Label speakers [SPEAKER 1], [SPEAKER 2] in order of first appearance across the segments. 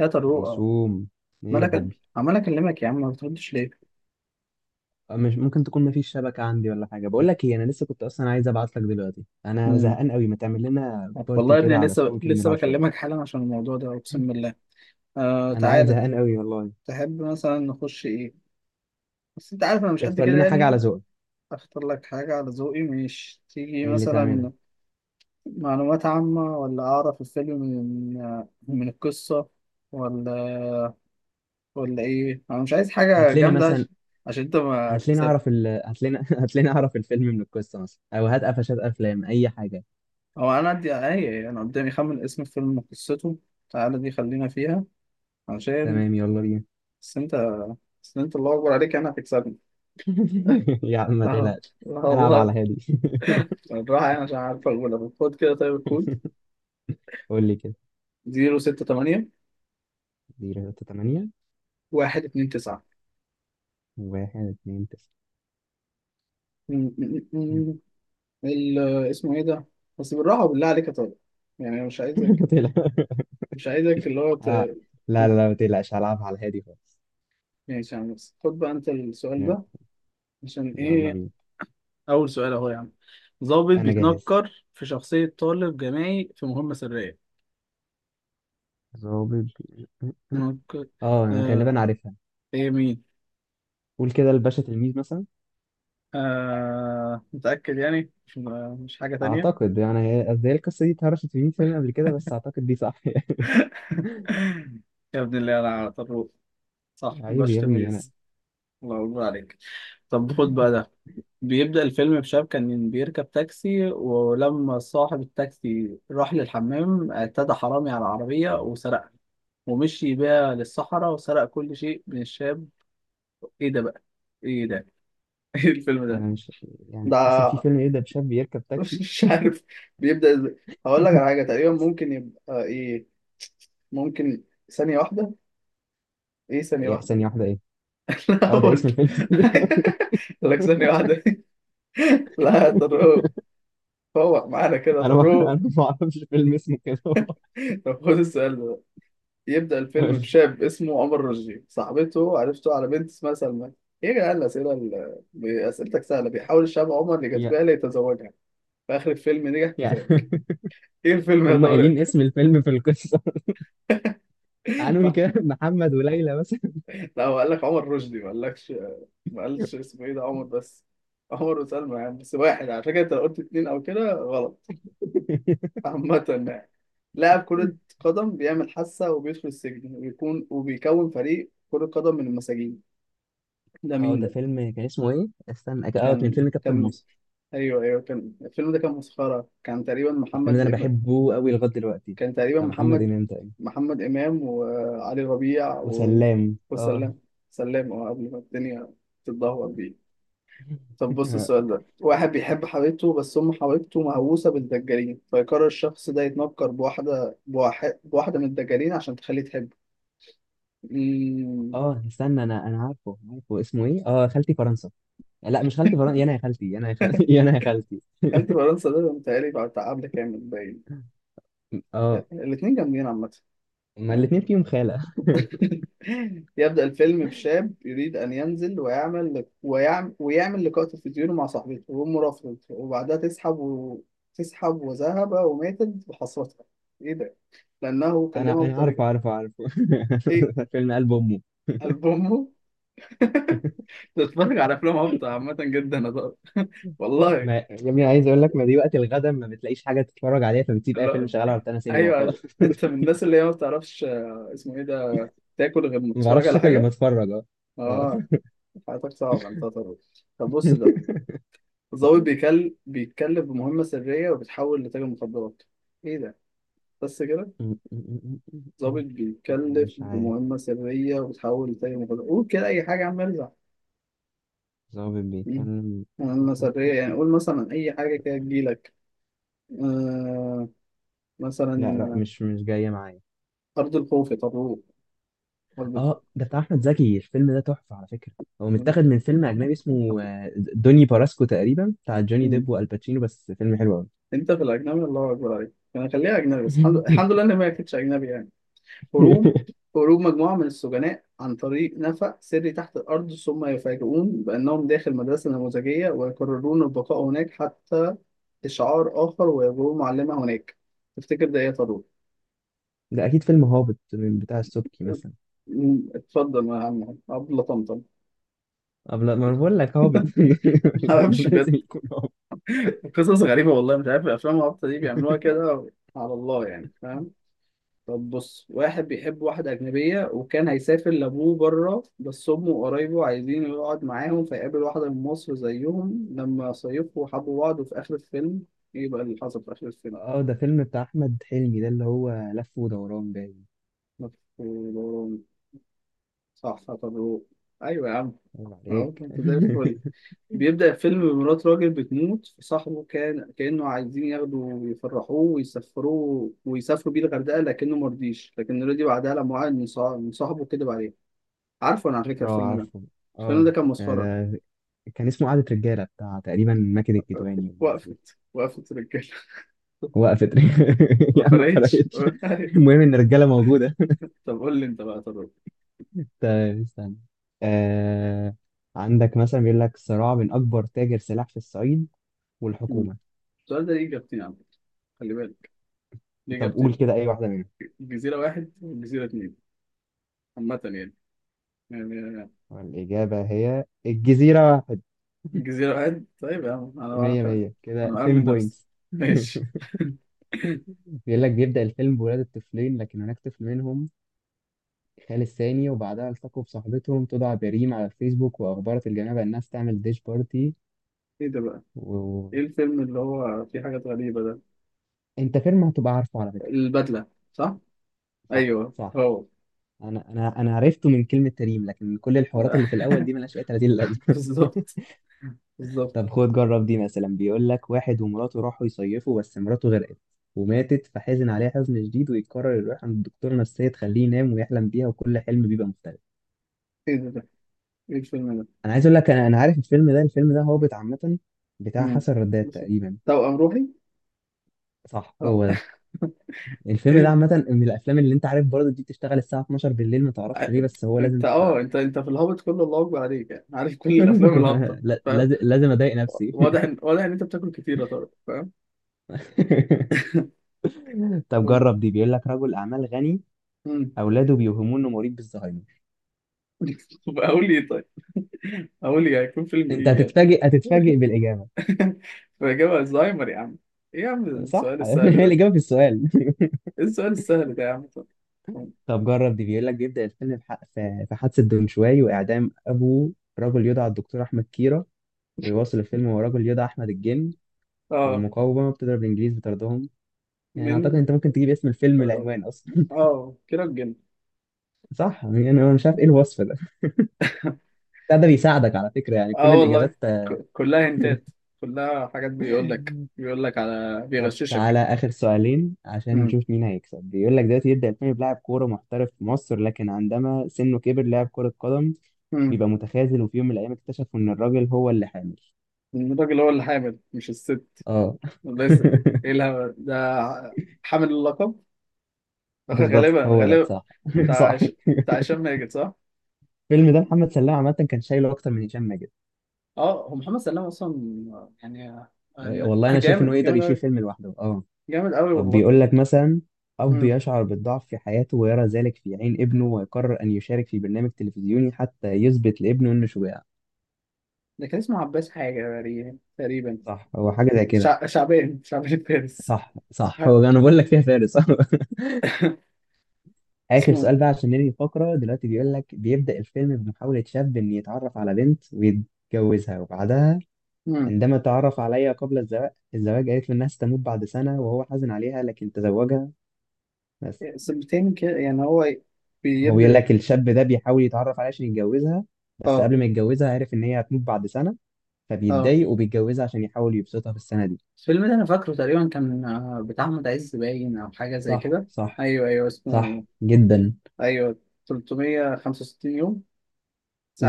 [SPEAKER 1] يا طارق
[SPEAKER 2] هيسوم، ايه يا
[SPEAKER 1] مالك.
[SPEAKER 2] حبي؟
[SPEAKER 1] عمال اكلمك يا عم، ما بتردش ليه؟
[SPEAKER 2] مش ممكن تكون مفيش شبكة عندي ولا حاجة. بقول لك ايه، انا لسه كنت اصلا عايز ابعت لك دلوقتي. انا
[SPEAKER 1] امم
[SPEAKER 2] زهقان قوي، ما تعمل لنا
[SPEAKER 1] والله
[SPEAKER 2] بارتي
[SPEAKER 1] يا ابني
[SPEAKER 2] كده
[SPEAKER 1] أنا
[SPEAKER 2] على
[SPEAKER 1] لسه
[SPEAKER 2] سبوركل
[SPEAKER 1] لسه
[SPEAKER 2] نلعب شوية.
[SPEAKER 1] بكلمك حالا عشان الموضوع ده، اقسم بالله. آه،
[SPEAKER 2] انا قاعد
[SPEAKER 1] تعالى.
[SPEAKER 2] زهقان قوي والله.
[SPEAKER 1] تحب مثلا نخش ايه؟ بس انت عارف انا مش قد
[SPEAKER 2] اختار
[SPEAKER 1] كده
[SPEAKER 2] لنا حاجة على
[SPEAKER 1] يعني.
[SPEAKER 2] ذوقك.
[SPEAKER 1] اختار لك حاجة على ذوقي، مش تيجي
[SPEAKER 2] ايه اللي تعملها؟
[SPEAKER 1] مثلا معلومات عامة، ولا اعرف الفيلم من من القصة، ولا ولا ايه؟ انا مش عايز حاجة
[SPEAKER 2] هات لنا
[SPEAKER 1] جامدة
[SPEAKER 2] مثلا.
[SPEAKER 1] عشان انت ما تكسب.
[SPEAKER 2] هات لنا هات لنا اعرف الفيلم من القصة مثلا، او هات قفشات افلام، اي حاجة.
[SPEAKER 1] هو انا عندي ايه؟ انا قدامي خمن اسم الفيلم وقصته. تعالى دي خلينا فيها عشان
[SPEAKER 2] تمام، يلا بينا.
[SPEAKER 1] بس انت بس انت الله اكبر عليك، انا هتكسبني.
[SPEAKER 2] يا عم ما
[SPEAKER 1] اه،
[SPEAKER 2] تقلقش.
[SPEAKER 1] لا
[SPEAKER 2] هلعب على
[SPEAKER 1] والله.
[SPEAKER 2] هادي.
[SPEAKER 1] بالراحه يعني، عشان عارف اقول لك خد كده. طيب الكود:
[SPEAKER 2] قول لي كده.
[SPEAKER 1] 068،
[SPEAKER 2] 0 3 8.
[SPEAKER 1] 129.
[SPEAKER 2] 1 2 9.
[SPEAKER 1] م- م- م- ال اسمه ايه ده؟ بس بالراحه، وبالله عليك يا طارق، يعني أنا مش عايزك.
[SPEAKER 2] ما تقلقش.
[SPEAKER 1] مش عايزك اللي هو
[SPEAKER 2] اه. لا
[SPEAKER 1] ت-
[SPEAKER 2] لا لا، ما تقلقش، هلعبها على الهادي خالص.
[SPEAKER 1] ماشي يا عم. بس خد بقى انت السؤال
[SPEAKER 2] يا-
[SPEAKER 1] ده عشان
[SPEAKER 2] يلا
[SPEAKER 1] ايه.
[SPEAKER 2] بينا.
[SPEAKER 1] اول سؤال اهو يا عم: ضابط
[SPEAKER 2] انا جاهز.
[SPEAKER 1] بيتنكر في شخصيه طالب جامعي في مهمه سريه.
[SPEAKER 2] ضابط ب-
[SPEAKER 1] نك-
[SPEAKER 2] اه انا
[SPEAKER 1] آه.
[SPEAKER 2] غالبا عارفها.
[SPEAKER 1] ايه، مين؟
[SPEAKER 2] قول كده الباشا تلميذ مثلا.
[SPEAKER 1] آه، متأكد يعني؟ مش حاجة تانية؟
[SPEAKER 2] اعتقد يعني، هي قصدي هي القصه دي اتهرشت في 100 فيلم قبل كده، بس اعتقد دي صح.
[SPEAKER 1] يا ابن الله، أنا على طروق صح
[SPEAKER 2] عيب
[SPEAKER 1] باش
[SPEAKER 2] يا ابني انا.
[SPEAKER 1] تميز. الله أكبر عليك. طب خد بقى ده: بيبدأ الفيلم بشاب كان بيركب تاكسي، ولما صاحب التاكسي راح للحمام، اعتدى حرامي على العربية وسرقها ومشي بيها للصحراء، وسرق كل شيء من الشاب. إيه ده بقى؟ إيه ده؟ إيه الفيلم ده؟
[SPEAKER 2] انا مش يعني اصلا في
[SPEAKER 1] ده
[SPEAKER 2] فيلم يبدا بشاب يركب تاكسي؟
[SPEAKER 1] مش عارف بيبدأ ازاي. هقول لك على حاجة تقريبا ممكن يبقى ايه. ممكن ثانية واحدة. ايه ثانية
[SPEAKER 2] يا
[SPEAKER 1] واحدة
[SPEAKER 2] ثانيه
[SPEAKER 1] دي؟
[SPEAKER 2] واحده ايه؟
[SPEAKER 1] لا
[SPEAKER 2] اه ده
[SPEAKER 1] اقول.
[SPEAKER 2] اسم الفيلم. ثانية واحدة.
[SPEAKER 1] لك ثانية واحدة. لا يا طارق، فوق معانا كده يا
[SPEAKER 2] انا ما انا
[SPEAKER 1] طارق.
[SPEAKER 2] ما اعرفش فيلم اسمه كده والله.
[SPEAKER 1] طب خد السؤال ده: يبدأ الفيلم بشاب اسمه عمر رشدي، صاحبته عرفته على بنت اسمها سلمى. ايه يا جدعان الأسئلة أسئلتك سهلة. بيحاول الشاب عمر يجذبها
[SPEAKER 2] يا-
[SPEAKER 1] ليتزوجها، في آخر الفيلم نجح في
[SPEAKER 2] يعني
[SPEAKER 1] ذلك. ايه الفيلم يا
[SPEAKER 2] هم
[SPEAKER 1] طارق؟
[SPEAKER 2] قايلين اسم الفيلم في القصه. هنقول كده محمد وليلى مثلا.
[SPEAKER 1] لا، هو قال لك عمر رشدي، ما قالكش. ما قالش اسمه ايه، ده عمر بس. عمر وسلمى يعني، بس واحد على فكره، انت لو قلت اتنين او كده غلط. عامة يعني. لاعب كرة قدم بيعمل حاسة وبيدخل السجن، ويكون وبيكون فريق كرة قدم من المساجين. ده
[SPEAKER 2] اه
[SPEAKER 1] مين
[SPEAKER 2] ده
[SPEAKER 1] ده؟
[SPEAKER 2] فيلم كان اسمه ايه؟ استنى اه كان
[SPEAKER 1] كان
[SPEAKER 2] فيلم كابتن
[SPEAKER 1] كان
[SPEAKER 2] مصر
[SPEAKER 1] ايوه، ايوه، كان الفيلم ده كان مسخرة. كان تقريبا
[SPEAKER 2] الفيلم
[SPEAKER 1] محمد
[SPEAKER 2] ده انا بحبه قوي لغايه دلوقتي
[SPEAKER 1] كان تقريبا
[SPEAKER 2] بتاع محمد
[SPEAKER 1] محمد.
[SPEAKER 2] امام تقريبا
[SPEAKER 1] محمد إمام وعلي ربيع و...
[SPEAKER 2] وسلام اه
[SPEAKER 1] وسلام. سلام، اه، قبل ما الدنيا تتدهور بيه. طب بص السؤال ده: واحد بيحب حبيبته، بس أم حبيبته مهووسة بالدجالين، فيقرر الشخص ده يتنكر بواحدة من الدجالين عشان تخليه تحبه. أمم،
[SPEAKER 2] اه استنى انا انا عارفه عارفه اسمه ايه؟ اه خالتي فرنسا لا مش خالتي فرنسا يا انا يا خالتي يا انا يا خالتي يا انا يا خالتي
[SPEAKER 1] خالتي فرنسا ده متهيألي بعد قبل كامل باين.
[SPEAKER 2] اه،
[SPEAKER 1] الاتنين جامدين عامة
[SPEAKER 2] ما
[SPEAKER 1] يعني.
[SPEAKER 2] الاثنين فيهم خاله.
[SPEAKER 1] يبدأ الفيلم بشاب يريد أن ينزل ويعمل لقاء تلفزيوني مع صاحبته، وهو مرافض، وبعدها تسحب تسحب وذهب وماتت بحسرتها. إيه ده؟ لأنه
[SPEAKER 2] انا
[SPEAKER 1] كلمها
[SPEAKER 2] انا
[SPEAKER 1] بطريقة.
[SPEAKER 2] عارفه عارفه عارفه.
[SPEAKER 1] إيه؟
[SPEAKER 2] فيلم قلب امه.
[SPEAKER 1] ألبومه. بتتفرج على افلام هابطه عامه جدا، هزار والله.
[SPEAKER 2] ما يا ابني عايز اقول لك، ما دي وقت الغدا ما بتلاقيش حاجه تتفرج عليها، فبتسيب اي فيلم
[SPEAKER 1] لا،
[SPEAKER 2] شغال على روتانا سينما وخلاص.
[SPEAKER 1] ايوه انت من الناس اللي هي ما بتعرفش اسمه ايه ده، تاكل غير ما
[SPEAKER 2] ما
[SPEAKER 1] تتفرج
[SPEAKER 2] بعرفش
[SPEAKER 1] على
[SPEAKER 2] اكل لما
[SPEAKER 1] حاجه.
[SPEAKER 2] اتفرج، اه. آه.
[SPEAKER 1] اه، حياتك صعبه انت طبعا. طب بص ده: الضابط بيتكلف بمهمه سريه وبتحول لتاجر مخدرات. ايه ده؟ بس كده.
[SPEAKER 2] م- م- م-
[SPEAKER 1] ضابط
[SPEAKER 2] لا انا
[SPEAKER 1] بيتكلف
[SPEAKER 2] مش عارف.
[SPEAKER 1] بمهمه سريه وبتحول لتاجر مخدرات. قول كده اي حاجه يا عم، ارزع.
[SPEAKER 2] ظابط
[SPEAKER 1] مم.
[SPEAKER 2] بيتكلم.
[SPEAKER 1] مهمه سريه، يعني قول مثلا اي حاجه كده تجيلك. آه،
[SPEAKER 2] لا لا،
[SPEAKER 1] مثلا.
[SPEAKER 2] مش جاية معايا.
[SPEAKER 1] آه، ارض الخوف يا طارق، مظبوط.
[SPEAKER 2] اه ده بتاع احمد زكي، الفيلم ده تحفة على فكرة. هو متاخد من فيلم اجنبي اسمه دوني باراسكو تقريبا، بتاع جوني
[SPEAKER 1] مم.
[SPEAKER 2] ديب والباتشينو، بس فيلم حلو قوي.
[SPEAKER 1] انت في الاجنبي الله اكبر عليك. انا خليها اجنبي، بس الحمد لله ان ما كانتش اجنبي يعني. هروب. هروب مجموعه من السجناء عن طريق نفق سري تحت الارض، ثم يفاجئون بانهم داخل مدرسه نموذجيه، ويقررون البقاء هناك حتى اشعار اخر، ويجرون معلمه هناك. تفتكر ده ايه يا طارق؟
[SPEAKER 2] ده اكيد فيلم هابط من بتاع السبكي مثلا.
[SPEAKER 1] مم، اتفضل يا عم عبد الله طمطم.
[SPEAKER 2] طب لا، ما أنا بقول لك هابط.
[SPEAKER 1] ما
[SPEAKER 2] يعني ده
[SPEAKER 1] اعرفش بجد.
[SPEAKER 2] لازم يكون هابط.
[SPEAKER 1] قصص غريبه والله، مش عارف الافلام الهابطه دي بيعملوها كده على الله يعني، فاهم. طب بص: واحد بيحب واحدة أجنبية وكان هيسافر لأبوه بره، بس أمه وقرايبه عايزين يقعد معاهم، فيقابل واحدة من مصر زيهم لما صيفوا، حبوا بعض، وفي آخر الفيلم، إيه بقى اللي حصل في آخر الفيلم؟
[SPEAKER 2] اه ده فيلم بتاع احمد حلمي، ده اللي هو لف ودوران باين.
[SPEAKER 1] مف- صح صح، طب هو. أيوة يا عم،
[SPEAKER 2] عيب
[SPEAKER 1] أهو
[SPEAKER 2] عليك.
[SPEAKER 1] أنت زي الفل. بيبدأ الفيلم بمرات راجل بتموت، صاحبه كان كأنه عايزين ياخدوا ويفرحوه ويسفروه ويسافروا بيه الغردقة، لكنه مرضيش، لكن رضي بعدها لما وعد من صاحبه، كدب عليه. عارفه انا على فكره
[SPEAKER 2] اه
[SPEAKER 1] الفيلم ده.
[SPEAKER 2] عارفه.
[SPEAKER 1] الفيلم ده
[SPEAKER 2] اه
[SPEAKER 1] كان مسخره.
[SPEAKER 2] ده كان اسمه قعدة رجالة بتاع تقريبا ماكد الكدواني والناس دي.
[SPEAKER 1] وقفت رجاله.
[SPEAKER 2] وقفت.
[SPEAKER 1] ما
[SPEAKER 2] يا عم ما
[SPEAKER 1] فرقتش.
[SPEAKER 2] فرقتش. المهم ان الرجالة موجودة.
[SPEAKER 1] طب قول لي انت بقى. طب.
[SPEAKER 2] طيب استنى. آه... عندك مثلا بيقول لك صراع بين اكبر تاجر سلاح في الصعيد
[SPEAKER 1] مم.
[SPEAKER 2] والحكومة.
[SPEAKER 1] السؤال ده ليه اجابتين عم، خلي بالك، ليه
[SPEAKER 2] طب قول
[SPEAKER 1] اجابتين:
[SPEAKER 2] كده اي واحدة منهم.
[SPEAKER 1] الجزيره واحد والجزيره اتنين، عامه يعني، يعني.
[SPEAKER 2] الإجابة هي الجزيرة واحد.
[SPEAKER 1] الجزيره واحد، طيب يا عم انا
[SPEAKER 2] مية
[SPEAKER 1] بعرف يعني.
[SPEAKER 2] مية كده،
[SPEAKER 1] انا
[SPEAKER 2] 10
[SPEAKER 1] مأمن نفسي،
[SPEAKER 2] بوينتس.
[SPEAKER 1] ماشي.
[SPEAKER 2] بيقول لك بيبدأ الفيلم بولادة طفلين، لكن هناك طفل منهم خال الثاني، وبعدها التقوا بصاحبتهم تدعى بريم على الفيسبوك، وأخبرت الجنابة إنها تعمل ديش بارتي.
[SPEAKER 1] ايه ده بقى؟ ايه
[SPEAKER 2] وأنت،
[SPEAKER 1] الفيلم اللي هو فيه حاجات غريبه ده؟
[SPEAKER 2] فيلم هتبقى عارفه على فكرة.
[SPEAKER 1] البدله، صح.
[SPEAKER 2] صح
[SPEAKER 1] ايوه
[SPEAKER 2] صح.
[SPEAKER 1] هو.
[SPEAKER 2] أنا عرفته من كلمة تريم، لكن كل الحوارات اللي في الأول دي ملهاش أي 30 لازمة.
[SPEAKER 1] بالظبط، بالظبط.
[SPEAKER 2] طب خد جرب دي مثلا. بيقول لك واحد ومراته راحوا يصيفوا، بس مراته غرقت وماتت، فحزن عليها حزن شديد، ويقرر يروح عند دكتور نفسية تخليه ينام ويحلم بيها، وكل حلم بيبقى مختلف.
[SPEAKER 1] ايه ده ده، ايه الفيلم ده؟
[SPEAKER 2] أنا عايز أقول لك، أنا عارف الفيلم ده، الفيلم ده هابط عامة، بتاع
[SPEAKER 1] مم.
[SPEAKER 2] حسن رداد
[SPEAKER 1] بس-
[SPEAKER 2] تقريبا.
[SPEAKER 1] توأم روحي.
[SPEAKER 2] صح هو
[SPEAKER 1] آه.
[SPEAKER 2] ده. الفيلم ده
[SPEAKER 1] ايه.
[SPEAKER 2] عامة من الأفلام اللي أنت عارف برضه دي، بتشتغل الساعة 12 بالليل ما تعرفش ليه، بس هو لازم
[SPEAKER 1] انت اه
[SPEAKER 2] تشتغل.
[SPEAKER 1] انت انت في الهابط كله الله اكبر عليك، يعني عارف كل الافلام الهابطه فاهم.
[SPEAKER 2] لازم لازم أضايق نفسي.
[SPEAKER 1] واضح ان انت بتاكل كتير يا طارق، فاهم.
[SPEAKER 2] طب
[SPEAKER 1] قول.
[SPEAKER 2] جرب دي. بيقول لك رجل أعمال غني،
[SPEAKER 1] مم.
[SPEAKER 2] أولاده بيوهموه إنه مريض بالزهايمر.
[SPEAKER 1] طب اقول لي إيه طيب؟ اقول لي هيكون فيلم
[SPEAKER 2] أنت
[SPEAKER 1] ايه يعني؟
[SPEAKER 2] هتتفاجئ، بالإجابة.
[SPEAKER 1] فاجابه الزهايمر يا عم. ايه يا عم
[SPEAKER 2] صح.
[SPEAKER 1] السؤال السهل
[SPEAKER 2] هي
[SPEAKER 1] ده؟
[SPEAKER 2] الإجابة في السؤال.
[SPEAKER 1] ايه السؤال السهل ده يا عم طارق؟
[SPEAKER 2] طب جرب دي. بيقول لك بيبدأ الفيلم في في حادثة دونشواي، وإعدام أبو رجل يدعى الدكتور أحمد كيرة، ويواصل الفيلم هو رجل يدعى أحمد الجن،
[SPEAKER 1] اه،
[SPEAKER 2] والمقاومة بتضرب الإنجليز بطردهم. يعني اعتقد
[SPEAKER 1] من
[SPEAKER 2] انت ممكن تجيب اسم الفيلم،
[SPEAKER 1] اه،
[SPEAKER 2] العنوان اصلا.
[SPEAKER 1] آه، كيرة الجن.
[SPEAKER 2] صح، يعني انا مش عارف ايه الوصف ده بتاع ده، بيساعدك على فكرة، يعني
[SPEAKER 1] اه،
[SPEAKER 2] كل
[SPEAKER 1] والله،
[SPEAKER 2] الاجابات.
[SPEAKER 1] كلها هنتات، كلها حاجات بيقول لك، بيقول لك على
[SPEAKER 2] طب
[SPEAKER 1] بيغششك.
[SPEAKER 2] تعالى آخر سؤالين عشان
[SPEAKER 1] امم
[SPEAKER 2] نشوف مين هيكسب. بيقول لك دلوقتي يبدأ الفيلم بلاعب كورة محترف في مصر، لكن عندما سنه كبر لاعب كرة قدم
[SPEAKER 1] امم
[SPEAKER 2] بيبقى متخاذل، وفي يوم من الأيام اكتشفوا إن الراجل هو اللي حامل.
[SPEAKER 1] الراجل هو اللي حامل مش الست؟
[SPEAKER 2] اه.
[SPEAKER 1] ده يس- ايه الهبل ده؟ حامل اللقب.
[SPEAKER 2] بالظبط،
[SPEAKER 1] غالبا،
[SPEAKER 2] هو ده
[SPEAKER 1] غالبا.
[SPEAKER 2] صح.
[SPEAKER 1] بتاع
[SPEAKER 2] صح.
[SPEAKER 1] هش- بتاع هشام ماجد، صح؟
[SPEAKER 2] الفيلم ده محمد سلام عامة كان شايله أكتر من هشام ماجد.
[SPEAKER 1] اه هو محمد سلام اصلا يعني. آه،
[SPEAKER 2] والله أنا شايف
[SPEAKER 1] جامد،
[SPEAKER 2] إنه يقدر
[SPEAKER 1] جامد
[SPEAKER 2] يشيل
[SPEAKER 1] قوي.
[SPEAKER 2] فيلم لوحده، اه.
[SPEAKER 1] جامد قوي
[SPEAKER 2] طب
[SPEAKER 1] والله.
[SPEAKER 2] بيقول لك مثلا، أب
[SPEAKER 1] امم،
[SPEAKER 2] يشعر بالضعف في حياته، ويرى ذلك في عين ابنه، ويقرر أن يشارك في برنامج تلفزيوني حتى يثبت لابنه إنه شجاع.
[SPEAKER 1] ده كان اسمه عباس حاجه تقريبا، تقريبا.
[SPEAKER 2] صح، هو حاجة زي كده.
[SPEAKER 1] شعبان فارس.
[SPEAKER 2] صح صح، هو أنا بقول لك فيها فارس. صح. آخر
[SPEAKER 1] اسمه
[SPEAKER 2] سؤال بقى عشان ننهي الفقرة دلوقتي. بيقول لك بيبدأ الفيلم بمحاولة شاب إن يتعرف على بنت ويتجوزها، وبعدها
[SPEAKER 1] إيه؟
[SPEAKER 2] عندما تعرف عليها قبل الزواج، قالت له إنها ستموت بعد سنة، وهو حزن عليها لكن تزوجها. بس
[SPEAKER 1] سنتين كده يعني، هو
[SPEAKER 2] هو بيقول
[SPEAKER 1] بيبدأ.
[SPEAKER 2] لك الشاب ده بيحاول يتعرف عليها عشان يتجوزها، بس
[SPEAKER 1] اه.
[SPEAKER 2] قبل ما يتجوزها عارف ان هي هتموت بعد سنة،
[SPEAKER 1] اه،
[SPEAKER 2] فبيتضايق وبيتجوزها عشان يحاول يبسطها في السنة دي.
[SPEAKER 1] الفيلم ده انا فاكره تقريبا كان آه، بتاع احمد عز باين او حاجه زي
[SPEAKER 2] صح
[SPEAKER 1] كده.
[SPEAKER 2] صح.
[SPEAKER 1] ايوه، ايوه، اسمه.
[SPEAKER 2] صح جدا.
[SPEAKER 1] ايوه. 365 يوم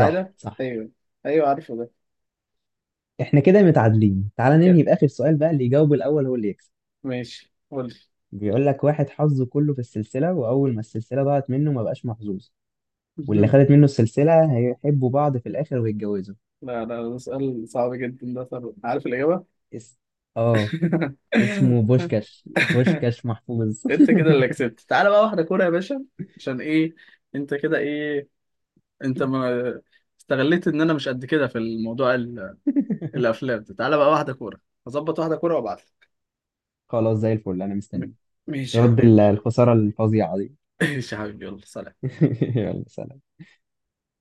[SPEAKER 2] صح صح.
[SPEAKER 1] ايوه، ايوه عارفه ده.
[SPEAKER 2] احنا كده متعادلين. تعال
[SPEAKER 1] أوكي.
[SPEAKER 2] ننهي بآخر سؤال بقى، اللي يجاوب الأول هو اللي يكسب.
[SPEAKER 1] ماشي قول
[SPEAKER 2] بيقول لك واحد حظه كله في السلسلة، وأول ما السلسلة ضاعت منه ما بقاش محظوظ، واللي
[SPEAKER 1] لي.
[SPEAKER 2] خدت منه السلسلة هيحبوا بعض في الآخر ويتجوزوا.
[SPEAKER 1] لا لا، ده سؤال صعب جدا ده. طب عارف الاجابه.
[SPEAKER 2] اس... اه، اسمه بوشكاش، بوشكاش محفوظ.
[SPEAKER 1] انت كده اللي كسبت. تعالى بقى واحده كوره يا باشا. عشان ايه؟ انت كده ايه؟ انت ما استغليت ان انا مش قد كده في الموضوع، الافلام. تعالى بقى واحده كوره. هظبط واحده كوره وابعت لك.
[SPEAKER 2] خلاص زي الفل، أنا
[SPEAKER 1] م-
[SPEAKER 2] مستني
[SPEAKER 1] ماشي يا
[SPEAKER 2] ترد
[SPEAKER 1] حبيبي.
[SPEAKER 2] الخسارة الفظيعة دي.
[SPEAKER 1] ماشي يا حبيبي، يلا سلام.
[SPEAKER 2] يلا سلام.